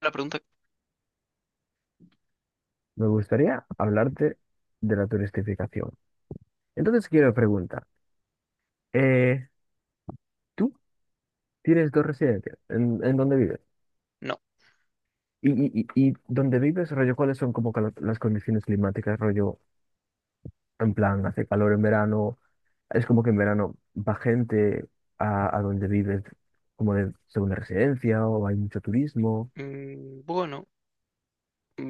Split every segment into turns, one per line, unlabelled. La pregunta.
Me gustaría hablarte de la turistificación. Entonces quiero preguntar, eh, ¿tú tienes dos residencias? ¿En dónde vives?
No.
Y dónde vives, rollo, ¿cuáles son como que las condiciones climáticas, rollo, en plan, hace calor en verano, es como que en verano va gente a donde vives como de segunda residencia o hay mucho turismo?
Bueno,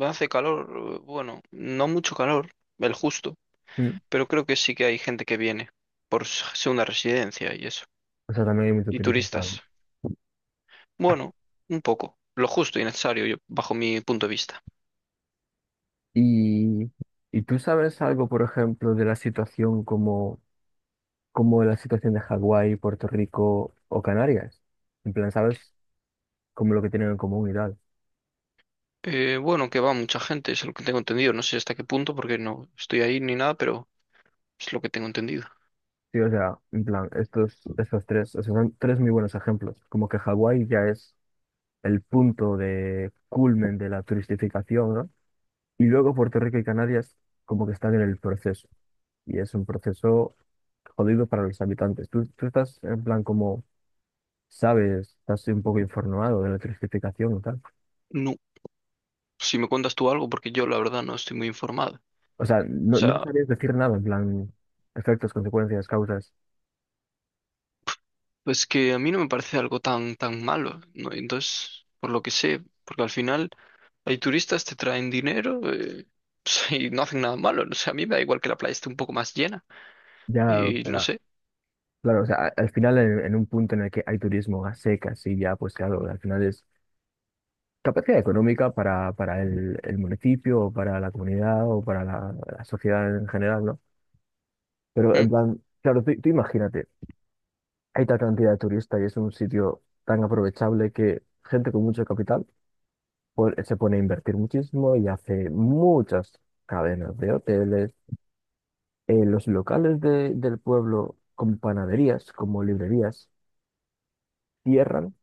hace calor. Bueno, no mucho calor, el justo.
¿Mm?
Pero creo que sí que hay gente que viene por segunda residencia y eso.
O sea, también hay mucho
Y
turismo, claro.
turistas. Bueno, un poco. Lo justo y necesario, bajo mi punto de vista.
Y, y tú sabes algo, por ejemplo, de la situación como la situación de Hawái, Puerto Rico o Canarias. En plan, ¿sabes? Como lo que tienen en común y tal.
Bueno, que va mucha gente, es lo que tengo entendido. No sé hasta qué punto, porque no estoy ahí ni nada, pero es lo que tengo entendido.
Sí, o sea, en plan, estos tres, o sea, son tres muy buenos ejemplos. Como que Hawái ya es el punto de culmen de la turistificación, ¿no? Y luego Puerto Rico y Canarias como que están en el proceso. Y es un proceso jodido para los habitantes. Tú estás en plan como, sabes, estás un poco informado de la turistificación y tal.
No, si me cuentas tú algo, porque yo la verdad no estoy muy informado. O
O sea, no
sea,
sabías decir nada, en plan, efectos, consecuencias, causas.
pues que a mí no me parece algo tan, tan malo, ¿no? Entonces, por lo que sé, porque al final hay turistas, te traen dinero, y no hacen nada malo. ¿No? O sea, a mí me da igual que la playa esté un poco más llena
Ya, o
y no
sea,
sé.
claro, o sea, al final en, un punto en el que hay turismo a secas y ya, pues claro, al final es capacidad económica para, el municipio o para la comunidad o para la, sociedad en general, ¿no? Pero
Mm.
en plan, claro, tú imagínate, hay tal cantidad de turistas y es un sitio tan aprovechable que gente con mucho capital se pone a invertir muchísimo y hace muchas cadenas de hoteles, los locales del pueblo con panaderías, como librerías, cierran,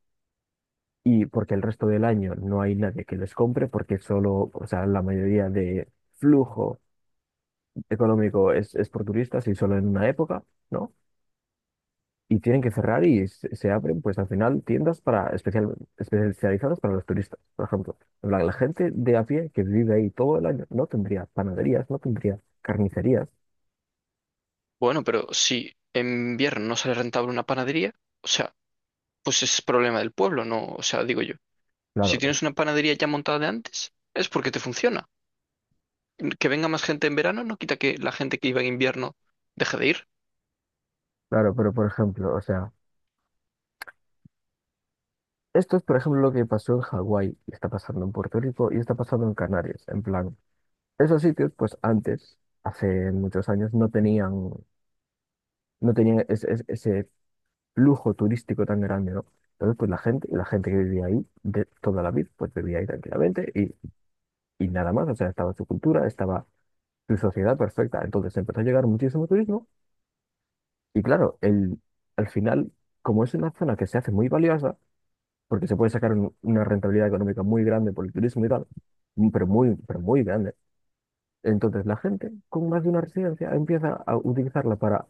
y porque el resto del año no hay nadie que les compre, porque solo, o sea, la mayoría de flujo económico es por turistas y solo en una época, ¿no? Y tienen que cerrar y se abren, pues al final, tiendas para especializadas para los turistas, por ejemplo. la, gente de a pie que vive ahí todo el año no tendría panaderías, no tendría carnicerías.
Bueno, pero si en invierno no sale rentable una panadería, o sea, pues es problema del pueblo, ¿no? O sea, digo yo. Si
Claro,
tienes una panadería ya montada de antes, es porque te funciona. Que venga más gente en verano no quita que la gente que iba en invierno deje de ir.
claro, pero por ejemplo, o sea. Esto es, por ejemplo, lo que pasó en Hawái, está pasando en Puerto Rico y está pasando en Canarias. En plan, esos sitios, pues antes, hace muchos años, no tenían ese flujo turístico tan grande, ¿no? Entonces, pues la gente que vivía ahí de toda la vida, pues vivía ahí tranquilamente y nada más, o sea, estaba su cultura, estaba su sociedad perfecta. Entonces empezó a llegar muchísimo turismo y claro, al final, como es una zona que se hace muy valiosa, porque se puede sacar una rentabilidad económica muy grande por el turismo y tal, pero muy grande. Entonces, la gente con más de una residencia empieza a utilizarla para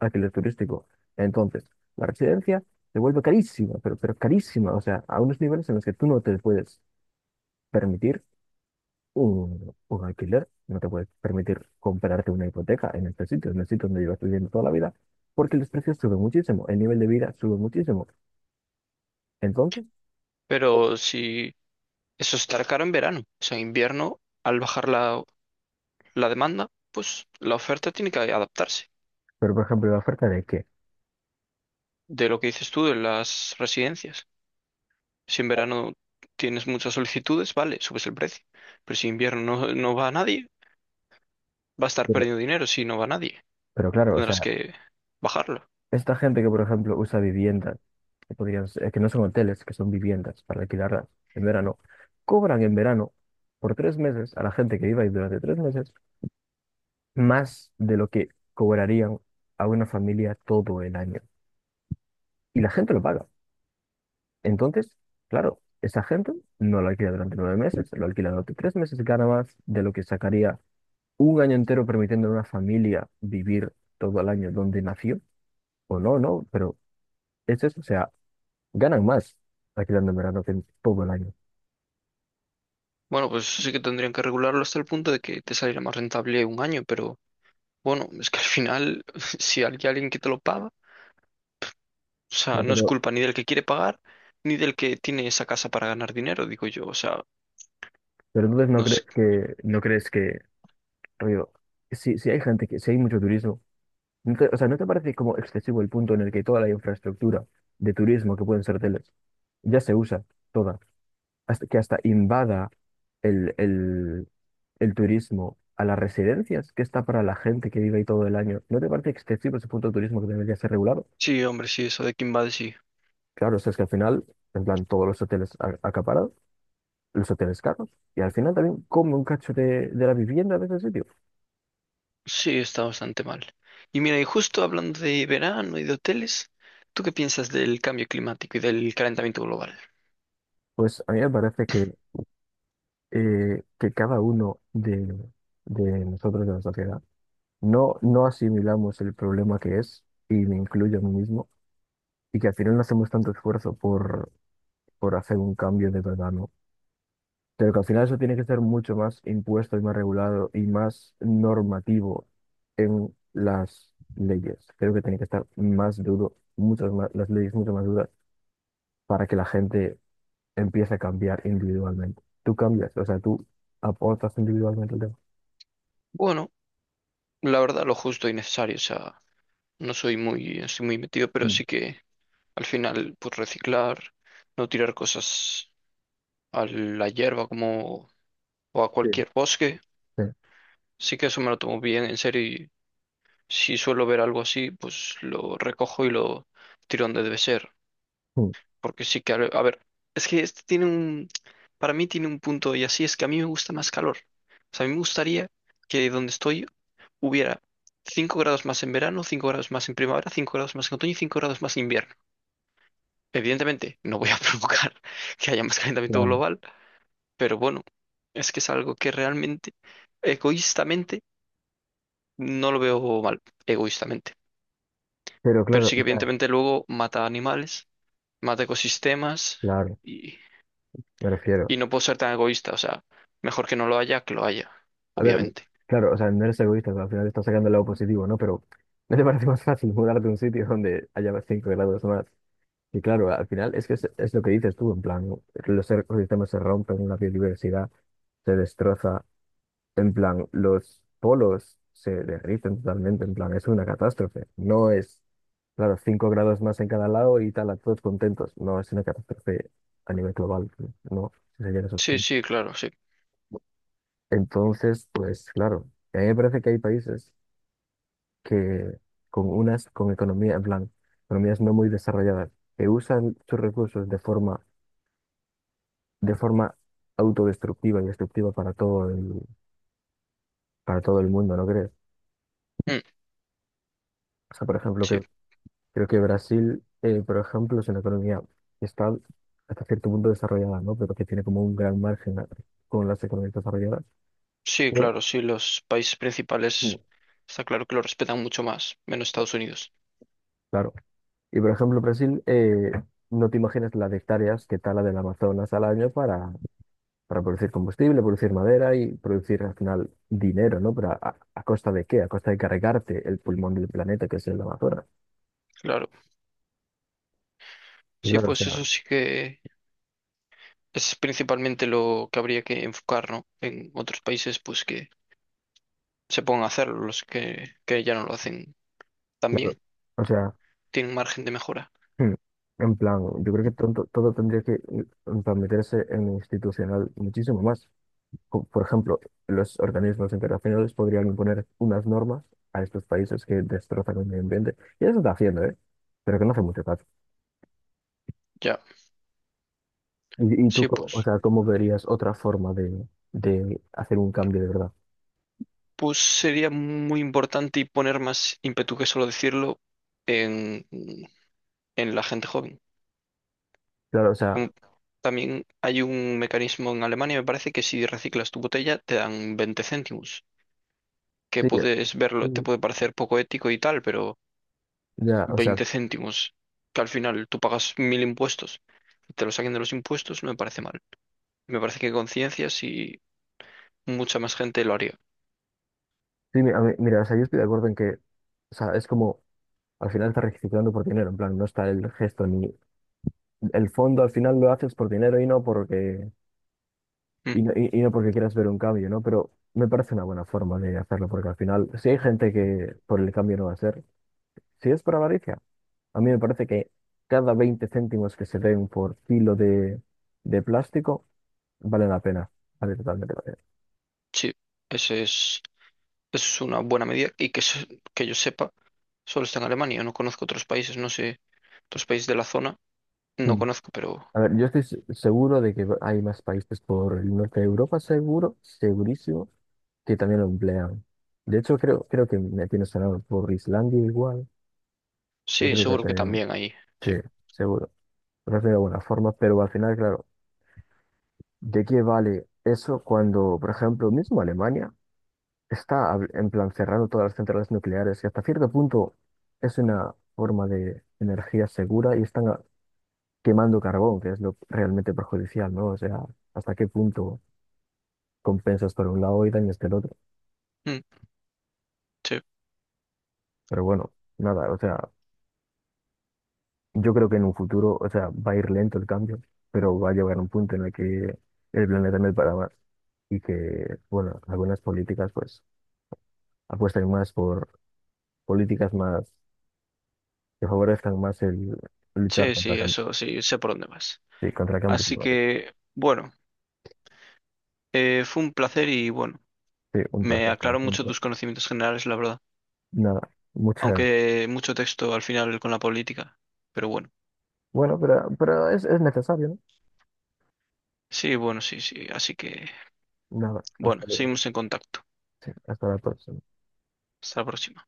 alquiler turístico. Entonces, la residencia se vuelve carísima, pero carísima, o sea, a unos niveles en los que tú no te puedes permitir un alquiler, no te puedes permitir comprarte una hipoteca en este sitio, en el sitio donde llevas viviendo toda la vida, porque los precios suben muchísimo, el nivel de vida sube muchísimo. Entonces,
Pero si eso estará caro en verano, o sea, en invierno, al bajar la demanda, pues la oferta tiene que adaptarse.
pero por ejemplo, ¿la oferta de qué?
De lo que dices tú de las residencias. Si en verano tienes muchas solicitudes, vale, subes el precio. Pero si en invierno no, no va a nadie, va a estar
Pero,
perdiendo dinero. Si no va nadie,
pero claro, o
tendrás
sea,
que bajarlo.
esta gente que, por ejemplo, usa viviendas que podrían que no son hoteles, que son viviendas para alquilarlas en verano, cobran en verano por 3 meses a la gente que viva ahí durante 3 meses más de lo que cobrarían a una familia todo el año. Y la gente lo paga. Entonces, claro, esa gente no lo alquila durante 9 meses, lo alquila durante 3 meses, gana más de lo que sacaría un año entero permitiendo a una familia vivir todo el año donde nació, o no, no, pero es eso, o sea, ganan más alquilando en verano que en todo el año.
Bueno, pues sí que tendrían que regularlo hasta el punto de que te saliera más rentable un año, pero bueno, es que al final, si hay alguien que te lo paga, o sea, no es culpa ni del que quiere pagar, ni del que tiene esa casa para ganar dinero, digo yo, o sea,
Pero entonces no
no
crees
sé.
que, no crees que, rollo, si, si hay gente que, si hay mucho turismo, o sea, ¿no te parece como excesivo el punto en el que toda la infraestructura de turismo que pueden ser hoteles ya se usa toda, hasta, que hasta invada el, el, el, turismo a las residencias que está para la gente que vive ahí todo el año? ¿No te parece excesivo ese punto de turismo que debería ser regulado?
Sí, hombre, sí, eso de Kimbad sí,
Claro, o sea, es que al final, en plan, todos los hoteles acaparados, los hoteles caros, y al final también come un cacho de, la vivienda de ese sitio.
sí está bastante mal. Y mira, y justo hablando de verano y de hoteles, ¿tú qué piensas del cambio climático y del calentamiento global?
Pues a mí me parece que cada uno de nosotros de la sociedad no asimilamos el problema que es, y me incluyo a mí mismo, y que al final no hacemos tanto esfuerzo por hacer un cambio de verdad, ¿no? Pero que al final eso tiene que ser mucho más impuesto y más regulado y más normativo en las leyes. Creo que tiene que estar más duro, muchas más, las leyes mucho más duras para que la gente empiece a cambiar individualmente. Tú cambias, o sea, tú aportas individualmente el tema.
Bueno, la verdad, lo justo y necesario. O sea, no soy muy, estoy muy metido, pero
Mm.
sí que al final, pues reciclar, no tirar cosas a la hierba como o a
Sí.
cualquier bosque.
Sí.
Sí que eso me lo tomo bien en serio y si suelo ver algo así, pues lo recojo y lo tiro donde debe ser.
Mm.
Porque sí que, a ver, es que este tiene un, para mí tiene un punto y así es que a mí me gusta más calor. O sea, a mí me gustaría que donde estoy hubiera 5 grados más en verano, 5 grados más en primavera, 5 grados más en otoño y 5 grados más en invierno. Evidentemente, no voy a provocar que haya más calentamiento
Claro,
global, pero bueno, es que es algo que realmente, egoístamente, no lo veo mal, egoístamente.
pero
Pero
claro,
sí que
o sea,
evidentemente luego mata animales, mata ecosistemas
claro,
y,
me refiero.
y no puedo ser tan egoísta, o sea, mejor que no lo haya que lo haya,
A ver,
obviamente.
claro, o sea, no eres egoísta, pero al final estás sacando el lado positivo, ¿no? Pero ¿no te parece más fácil mudarte a un sitio donde haya 5 grados más? Y claro, al final es que es lo que dices tú, en plan, ¿no? Los ecosistemas se rompen, la biodiversidad se destroza, en plan, los polos se derriten totalmente, en plan, es una catástrofe. No es, claro, 5 grados más en cada lado y tal, a todos contentos. No, es una catástrofe a nivel global, no, si sería eso.
Sí, sí, claro, sí.
Entonces, pues claro, a mí me parece que hay países que con unas, con economía, en plan, economías no muy desarrolladas, que usan sus recursos de forma autodestructiva y destructiva para todo el mundo, ¿no crees?
Mm,
O sea, por ejemplo,
sí.
que, creo que Brasil, por ejemplo, es una economía que está hasta cierto punto desarrollada, ¿no? Pero que tiene como un gran margen con las economías desarrolladas.
Sí,
O,
claro, sí, los países
mm,
principales está claro que lo respetan mucho más, menos Estados Unidos.
claro. Y por ejemplo, Brasil, no te imaginas las hectáreas que tala del Amazonas al año para producir combustible, producir madera y producir al final dinero, ¿no? Pero a, ¿a costa de qué? A costa de cargarte el pulmón del planeta que es el Amazonas.
Claro,
Y
sí, pues eso sí que es principalmente lo que habría que enfocar, ¿no? En otros países, pues que se pongan a hacerlo, los que ya no lo hacen tan
claro,
bien,
o sea,
tienen margen de mejora.
hmm, en plan, yo creo que todo, tendría que en plan, meterse en lo institucional muchísimo más. Por ejemplo, los organismos internacionales podrían imponer unas normas a estos países que destrozan el medio ambiente. Y eso está haciendo, ¿eh? Pero que no hace mucho caso.
Ya,
¿Y tú,
sí,
o
pues,
sea, cómo verías otra forma de hacer un cambio de verdad?
pues sería muy importante y poner más ímpetu que solo decirlo en, en la gente joven.
Claro, o sea,
Como también hay un mecanismo en Alemania, me parece que si reciclas tu botella te dan 20 céntimos, que
sí,
puedes verlo, te
mm,
puede parecer poco ético y tal, pero
ya, o sea,
20 céntimos, que al final tú pagas mil impuestos y te lo saquen de los impuestos, no me parece mal. Me parece que conciencias y mucha más gente lo haría.
sí, mira, o sea, yo estoy de acuerdo en que, o sea, es como, al final estás reciclando por dinero, en plan, no está el gesto ni el fondo, al final lo haces por dinero y no porque.
Mm,
Y no, y no porque quieras ver un cambio, ¿no? Pero me parece una buena forma de hacerlo, porque al final, si hay gente que por el cambio no va a ser, si es por avaricia, a mí me parece que cada 20 céntimos que se den por kilo de, plástico vale la pena. Vale totalmente la pena.
sí, ese es, eso es una buena medida y que, que yo sepa, solo está en Alemania, no conozco otros países, no sé, otros países de la zona, no
Mm.
conozco, pero
A ver, yo estoy seguro de que hay más países por el norte de Europa, seguro, segurísimo, que también lo emplean. De hecho, creo que me tiene sonado por Islandia igual. Yo
sí,
creo que
seguro que
también,
también hay.
sí,
Sí.
seguro. Me parece una buena forma, pero al final, claro. ¿De qué vale eso cuando, por ejemplo, mismo Alemania está en plan cerrando todas las centrales nucleares y hasta cierto punto es una forma de energía segura y están quemando carbón, que es lo realmente perjudicial, ¿no? O sea, hasta qué punto compensas por un lado y dañas del otro.
Mm. Sí.
Pero bueno, nada, o sea, yo creo que en un futuro, o sea, va a ir lento el cambio, pero va a llegar un punto en el que el planeta no es para más y que, bueno, algunas políticas pues apuestan más por políticas más que favorezcan más el luchar
Sí,
contra,
sí, eso sí, sé por dónde vas.
sí, contra el cambio
Así
climático.
que, bueno, fue un placer y bueno,
Sí, un
me
placer, como
aclaró mucho
siempre.
tus conocimientos generales, la verdad.
Nada, muchas.
Aunque mucho texto al final con la política. Pero bueno,
Bueno, pero es necesario, ¿no?
sí, bueno, sí, sí. Así que,
Nada,
bueno,
hasta luego.
seguimos en contacto.
Sí, hasta la próxima.
Hasta la próxima.